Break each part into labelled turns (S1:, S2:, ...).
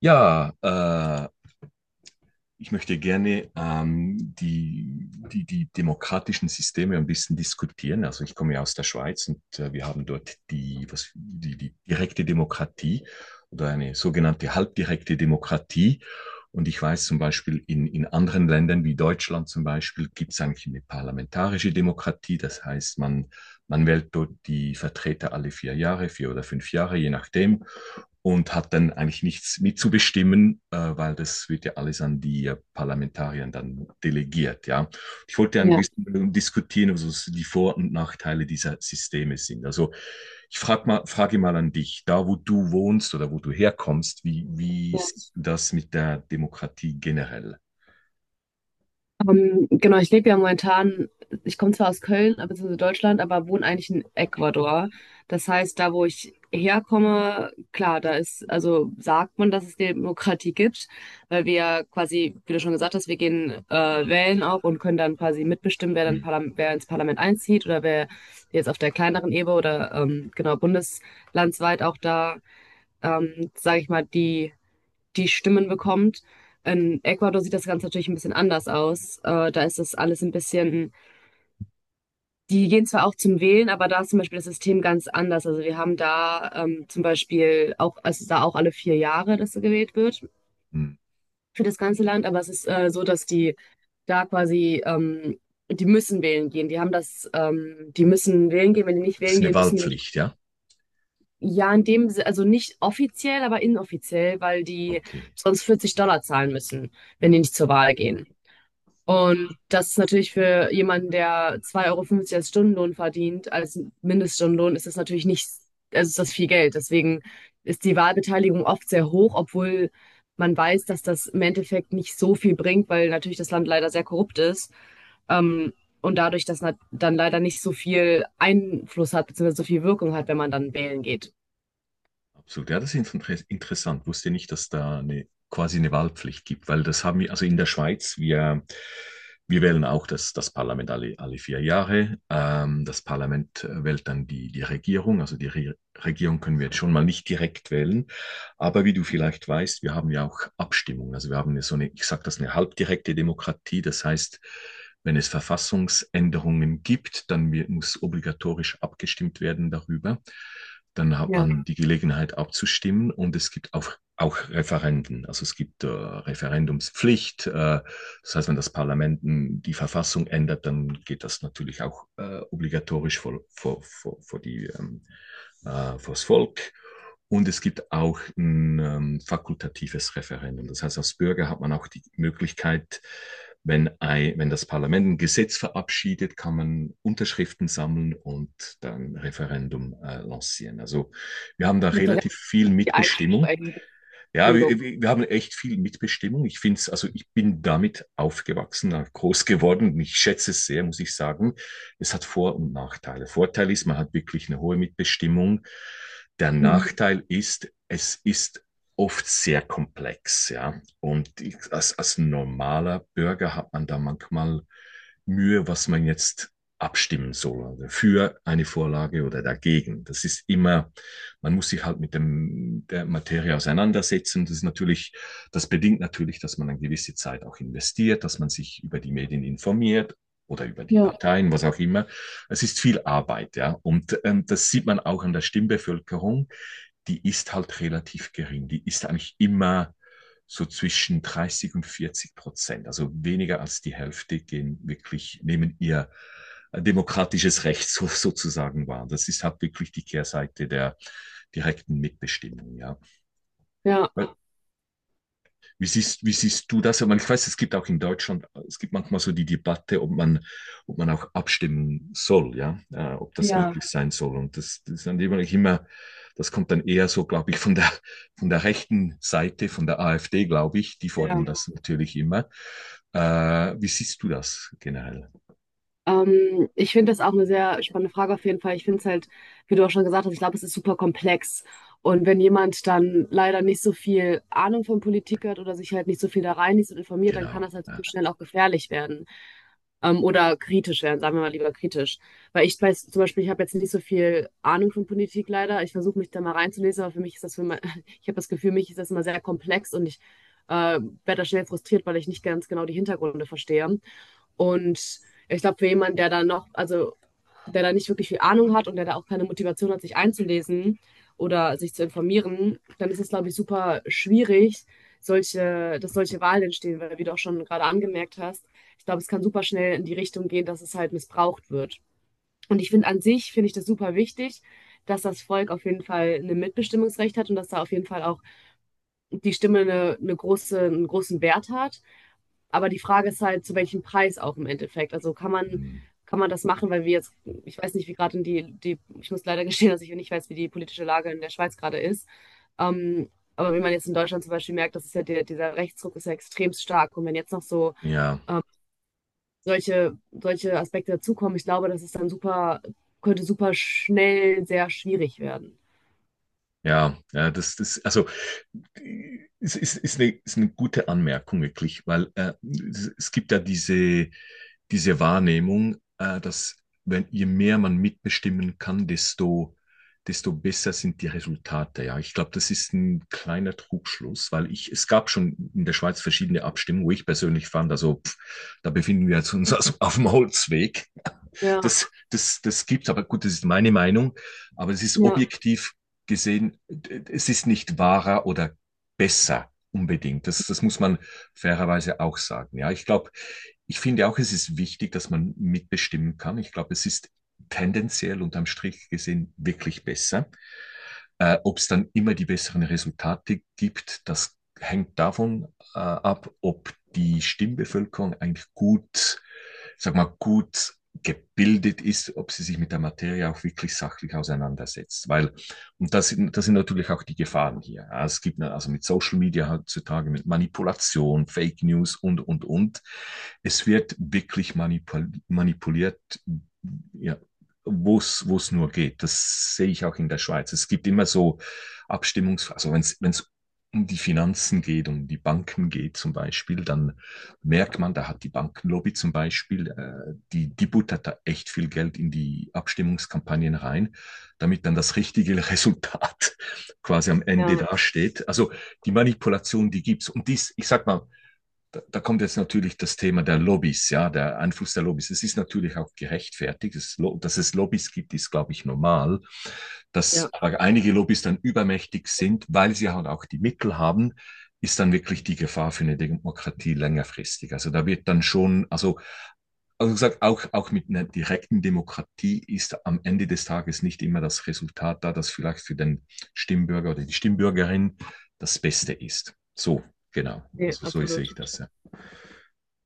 S1: Ja, ich möchte gerne die demokratischen Systeme ein bisschen diskutieren. Also ich komme ja aus der Schweiz und wir haben dort die direkte Demokratie oder eine sogenannte halbdirekte Demokratie. Und ich weiß zum Beispiel, in anderen Ländern wie Deutschland zum Beispiel gibt es eigentlich eine parlamentarische Demokratie. Das heißt, man wählt dort die Vertreter alle 4 Jahre, 4 oder 5 Jahre, je nachdem, und hat dann eigentlich nichts mitzubestimmen, weil das wird ja alles an die Parlamentarier dann delegiert. Ja, ich wollte ja ein
S2: Ja,
S1: bisschen diskutieren, also was die Vor- und Nachteile dieser Systeme sind. Also ich frage mal an dich, da wo du wohnst oder wo du herkommst, wie
S2: ja.
S1: siehst du das mit der Demokratie generell?
S2: Genau, ich lebe ja momentan, ich komme zwar aus Köln, beziehungsweise Deutschland, aber wohne eigentlich in Ecuador. Das heißt, da wo ich herkomme, klar, da ist, also sagt man, dass es Demokratie gibt, weil wir ja quasi, wie du schon gesagt hast, wir gehen wählen auch und können dann quasi mitbestimmen, wer dann
S1: Hm.
S2: Parlam wer ins Parlament einzieht oder wer jetzt auf der kleineren Ebene oder genau bundeslandsweit auch da, sage ich mal, die Stimmen bekommt. In Ecuador sieht das Ganze natürlich ein bisschen anders aus. Da ist das alles ein bisschen, die gehen zwar auch zum Wählen, aber da ist zum Beispiel das System ganz anders. Also wir haben da zum Beispiel auch, also da auch alle 4 Jahre, dass gewählt wird
S1: Hm.
S2: für das ganze Land, aber es ist so, dass die da quasi, die müssen wählen gehen. Die haben das, die müssen wählen gehen. Wenn die nicht
S1: Das ist
S2: wählen
S1: eine
S2: gehen, müssen die nicht.
S1: Wahlpflicht, ja?
S2: Ja, in dem, also nicht offiziell, aber inoffiziell, weil die
S1: Okay.
S2: sonst $40 zahlen müssen, wenn die nicht zur Wahl gehen. Und das ist natürlich für jemanden, der 2,50 Euro als Stundenlohn verdient, als Mindeststundenlohn, ist das natürlich nicht, also ist das viel Geld. Deswegen ist die Wahlbeteiligung oft sehr hoch, obwohl man weiß, dass das im Endeffekt nicht so viel bringt, weil natürlich das Land leider sehr korrupt ist. Ähm, und dadurch, dass man dann leider nicht so viel Einfluss hat, beziehungsweise so viel Wirkung hat, wenn man dann wählen geht.
S1: Absolut, ja, das ist interessant. Wusste nicht, dass da quasi eine Wahlpflicht gibt, weil das haben wir, also in der Schweiz, wir wählen auch das Parlament alle 4 Jahre. Das Parlament wählt dann die Regierung, also die Re Regierung können wir jetzt schon mal nicht direkt wählen, aber wie du vielleicht weißt, wir haben ja auch Abstimmungen. Also wir haben ja so eine, ich sage das, eine halbdirekte Demokratie. Das heißt, wenn es Verfassungsänderungen gibt, dann muss obligatorisch abgestimmt werden darüber. Dann hat
S2: Ja,
S1: man die Gelegenheit abzustimmen, und es gibt auch Referenden. Also es gibt Referendumspflicht. Das heißt, wenn das Parlament die Verfassung ändert, dann geht das natürlich auch obligatorisch vors Volk. Und es gibt auch ein fakultatives Referendum. Das heißt, als Bürger hat man auch die Möglichkeit, wenn das Parlament ein Gesetz verabschiedet, kann man Unterschriften sammeln und dann ein Referendum lancieren. Also wir haben da
S2: mit der
S1: relativ viel
S2: die
S1: Mitbestimmung.
S2: Einschränkung,
S1: Ja, wir,
S2: Entschuldigung.
S1: wir haben echt viel Mitbestimmung. Ich finde es, also ich bin damit aufgewachsen, groß geworden. Ich schätze es sehr, muss ich sagen. Es hat Vor- und Nachteile. Vorteil ist, man hat wirklich eine hohe Mitbestimmung. Der
S2: Mhm.
S1: Nachteil ist, es ist oft sehr komplex, ja. Und ich, als normaler Bürger hat man da manchmal Mühe, was man jetzt abstimmen soll, also für eine Vorlage oder dagegen. Das ist immer, man muss sich halt mit dem, der Materie auseinandersetzen. Das ist natürlich, das bedingt natürlich, dass man eine gewisse Zeit auch investiert, dass man sich über die Medien informiert oder über die
S2: Ja,
S1: Parteien, was auch immer. Es ist viel Arbeit, ja. Und das sieht man auch an der Stimmbevölkerung, die ist halt relativ gering. Die ist eigentlich immer so zwischen 30 und 40%. Also weniger als die Hälfte gehen wirklich, nehmen ihr demokratisches Recht so, sozusagen wahr. Das ist halt wirklich die Kehrseite der direkten Mitbestimmung, ja.
S2: ja,
S1: Weil, wie siehst du das? Ich meine, ich weiß, es gibt auch in Deutschland, es gibt manchmal so die Debatte, ob man auch abstimmen soll, ja, ob das
S2: ja,
S1: möglich sein soll. Und das ist dann immer, das kommt dann eher so, glaube ich, von der rechten Seite, von der AfD, glaube ich, die fordern, ja,
S2: ja.
S1: das natürlich immer. Wie siehst du das generell?
S2: Ich finde das auch eine sehr spannende Frage auf jeden Fall. Ich finde es halt, wie du auch schon gesagt hast, ich glaube, es ist super komplex. Und wenn jemand dann leider nicht so viel Ahnung von Politik hat oder sich halt nicht so viel da reinliest und informiert, dann kann
S1: Genau.
S2: das halt
S1: Ja.
S2: super schnell auch gefährlich werden. Oder kritisch werden, sagen wir mal lieber kritisch. Weil ich weiß, zum Beispiel, ich habe jetzt nicht so viel Ahnung von Politik leider. Ich versuche mich da mal reinzulesen, aber für mich ist das für mein, ich habe das Gefühl, mich ist das immer sehr komplex und ich werde da schnell frustriert, weil ich nicht ganz genau die Hintergründe verstehe. Und ich glaube, für jemanden, der da noch, also der da nicht wirklich viel Ahnung hat und der da auch keine Motivation hat, sich einzulesen oder sich zu informieren, dann ist es, glaube ich, super schwierig, dass solche Wahlen entstehen, weil, wie du auch schon gerade angemerkt hast, ich glaube, es kann super schnell in die Richtung gehen, dass es halt missbraucht wird. Und ich finde an sich, finde ich das super wichtig, dass das Volk auf jeden Fall ein Mitbestimmungsrecht hat und dass da auf jeden Fall auch die Stimme eine große, einen großen Wert hat. Aber die Frage ist halt, zu welchem Preis auch im Endeffekt. Also kann man,
S1: Hm.
S2: kann man das machen, weil wir jetzt, ich weiß nicht, wie gerade in die, ich muss leider gestehen, dass ich nicht weiß, wie die politische Lage in der Schweiz gerade ist. Ähm, aber wie man jetzt in Deutschland zum Beispiel merkt, das ist ja dieser Rechtsdruck ist ja extrem stark. Und wenn jetzt noch so
S1: Ja,
S2: solche Aspekte dazukommen, ich glaube, das ist dann super, könnte super schnell sehr schwierig werden.
S1: ja, ja, also ist eine gute Anmerkung wirklich, weil es gibt ja diese Wahrnehmung, dass wenn, je mehr man mitbestimmen kann, desto besser sind die Resultate. Ja, ich glaube, das ist ein kleiner Trugschluss, weil ich, es gab schon in der Schweiz verschiedene Abstimmungen, wo ich persönlich fand, also pff, da befinden wir uns also auf dem Holzweg.
S2: Ja,
S1: Das gibt's, aber gut, das ist meine Meinung. Aber es ist
S2: ja,
S1: objektiv gesehen, es ist nicht wahrer oder besser unbedingt. Das, das muss man fairerweise auch sagen. Ja, ich glaube, ich finde auch, es ist wichtig, dass man mitbestimmen kann. Ich glaube, es ist tendenziell unterm Strich gesehen wirklich besser. Ob es dann immer die besseren Resultate gibt, das hängt davon ab, ob die Stimmbevölkerung eigentlich gut, sag mal, gut gebildet ist, ob sie sich mit der Materie auch wirklich sachlich auseinandersetzt. Weil, und das sind natürlich auch die Gefahren hier. Ja, es gibt ne, also mit Social Media heutzutage, mit Manipulation, Fake News und, und. Es wird wirklich manipuliert, ja, wo es nur geht. Das sehe ich auch in der Schweiz. Es gibt immer so also wenn es um die Finanzen geht, um die Banken geht zum Beispiel, dann merkt man, da hat die Bankenlobby zum Beispiel, die buttert da echt viel Geld in die Abstimmungskampagnen rein, damit dann das richtige Resultat quasi am Ende
S2: ja,
S1: dasteht. Also die Manipulation, die gibt's. Und ich sag mal, da kommt jetzt natürlich das Thema der Lobbys, ja, der Einfluss der Lobbys. Es ist natürlich auch gerechtfertigt. Dass es Lobbys gibt, ist, glaube ich, normal. Dass
S2: ja,
S1: aber einige Lobbys dann übermächtig sind, weil sie halt auch die Mittel haben, ist dann wirklich die Gefahr für eine Demokratie längerfristig. Also da wird dann schon, also gesagt, auch mit einer direkten Demokratie ist am Ende des Tages nicht immer das Resultat da, das vielleicht für den Stimmbürger oder die Stimmbürgerin das Beste ist. So, genau.
S2: nee,
S1: Also so sehe ich
S2: absolut.
S1: das, ja.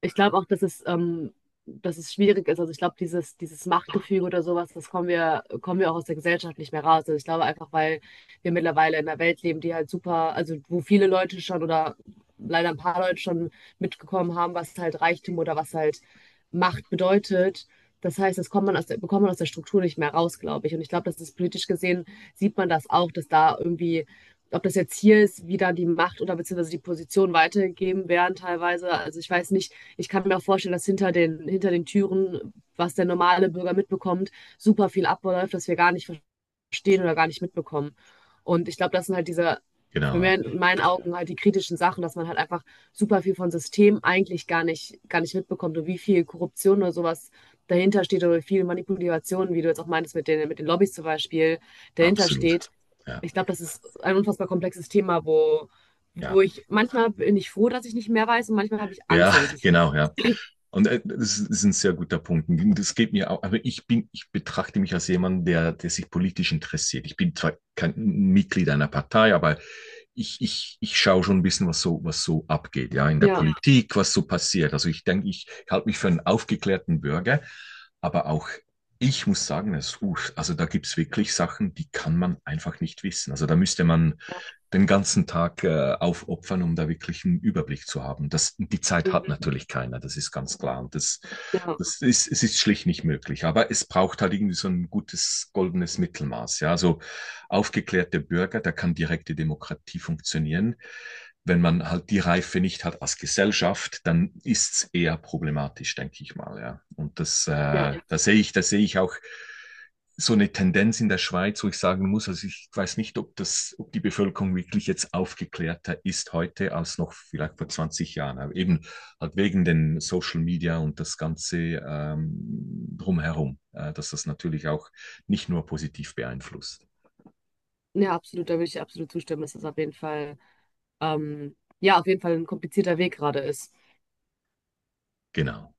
S2: Ich glaube auch, dass es schwierig ist. Also ich glaube, dieses Machtgefüge oder sowas, das kommen wir auch aus der Gesellschaft nicht mehr raus. Also ich glaube einfach, weil wir mittlerweile in einer Welt leben, die halt super, also wo viele Leute schon oder leider ein paar Leute schon mitgekommen haben, was halt Reichtum oder was halt Macht bedeutet. Das heißt, das kommt man aus der, bekommt man aus der Struktur nicht mehr raus, glaube ich. Und ich glaube, dass das ist politisch gesehen sieht man das auch, dass da irgendwie ob das jetzt hier ist, wie da die Macht oder beziehungsweise die Position weitergegeben werden teilweise. Also ich weiß nicht, ich kann mir auch vorstellen, dass hinter den Türen, was der normale Bürger mitbekommt, super viel abläuft, das wir gar nicht verstehen oder gar nicht mitbekommen. Und ich glaube, das sind halt diese, für
S1: Genau, ja.
S2: mich in meinen Augen halt die kritischen Sachen, dass man halt einfach super viel von System eigentlich gar nicht mitbekommt und wie viel Korruption oder sowas dahinter steht oder wie viel Manipulation, wie du jetzt auch meintest, mit den Lobbys zum Beispiel, dahinter
S1: Absolut.
S2: steht.
S1: Ja,
S2: Ich glaube, das ist ein unfassbar komplexes Thema, wo,
S1: ja,
S2: wo ich manchmal bin ich froh, dass ich nicht mehr weiß und manchmal habe ich Angst,
S1: ja,
S2: dass ich nicht.
S1: genau, ja. Und das ist ein sehr guter Punkt. Und das geht mir auch, aber ich betrachte mich als jemand, der sich politisch interessiert. Ich bin zwar kein Mitglied einer Partei, aber ich schaue schon ein bisschen, was so abgeht, ja, in der, ja,
S2: Ja,
S1: Politik, was so passiert. Also ich denke, ich halte mich für einen aufgeklärten Bürger, aber auch ich muss sagen, also da gibt's wirklich Sachen, die kann man einfach nicht wissen. Also da müsste man
S2: ja,
S1: den ganzen Tag aufopfern, um da wirklich einen Überblick zu haben. Das, die Zeit
S2: mhm,
S1: hat natürlich keiner, das ist ganz klar. Und das,
S2: ja,
S1: das ist, es ist schlicht nicht möglich. Aber es braucht halt irgendwie so ein gutes goldenes Mittelmaß. Ja, also aufgeklärte Bürger, da kann direkte Demokratie funktionieren. Wenn man halt die Reife nicht hat als Gesellschaft, dann ist es eher problematisch, denke ich mal. Ja, und
S2: ja, das,
S1: da sehe ich auch so eine Tendenz in der Schweiz, wo ich sagen muss, also ich weiß nicht, ob die Bevölkerung wirklich jetzt aufgeklärter ist heute als noch vielleicht vor 20 Jahren. Aber eben halt wegen den Social Media und das Ganze drumherum, dass das natürlich auch nicht nur positiv beeinflusst.
S2: ja, absolut, da würde ich dir absolut zustimmen, dass das auf jeden Fall, ja, auf jeden Fall ein komplizierter Weg gerade ist.
S1: Genau.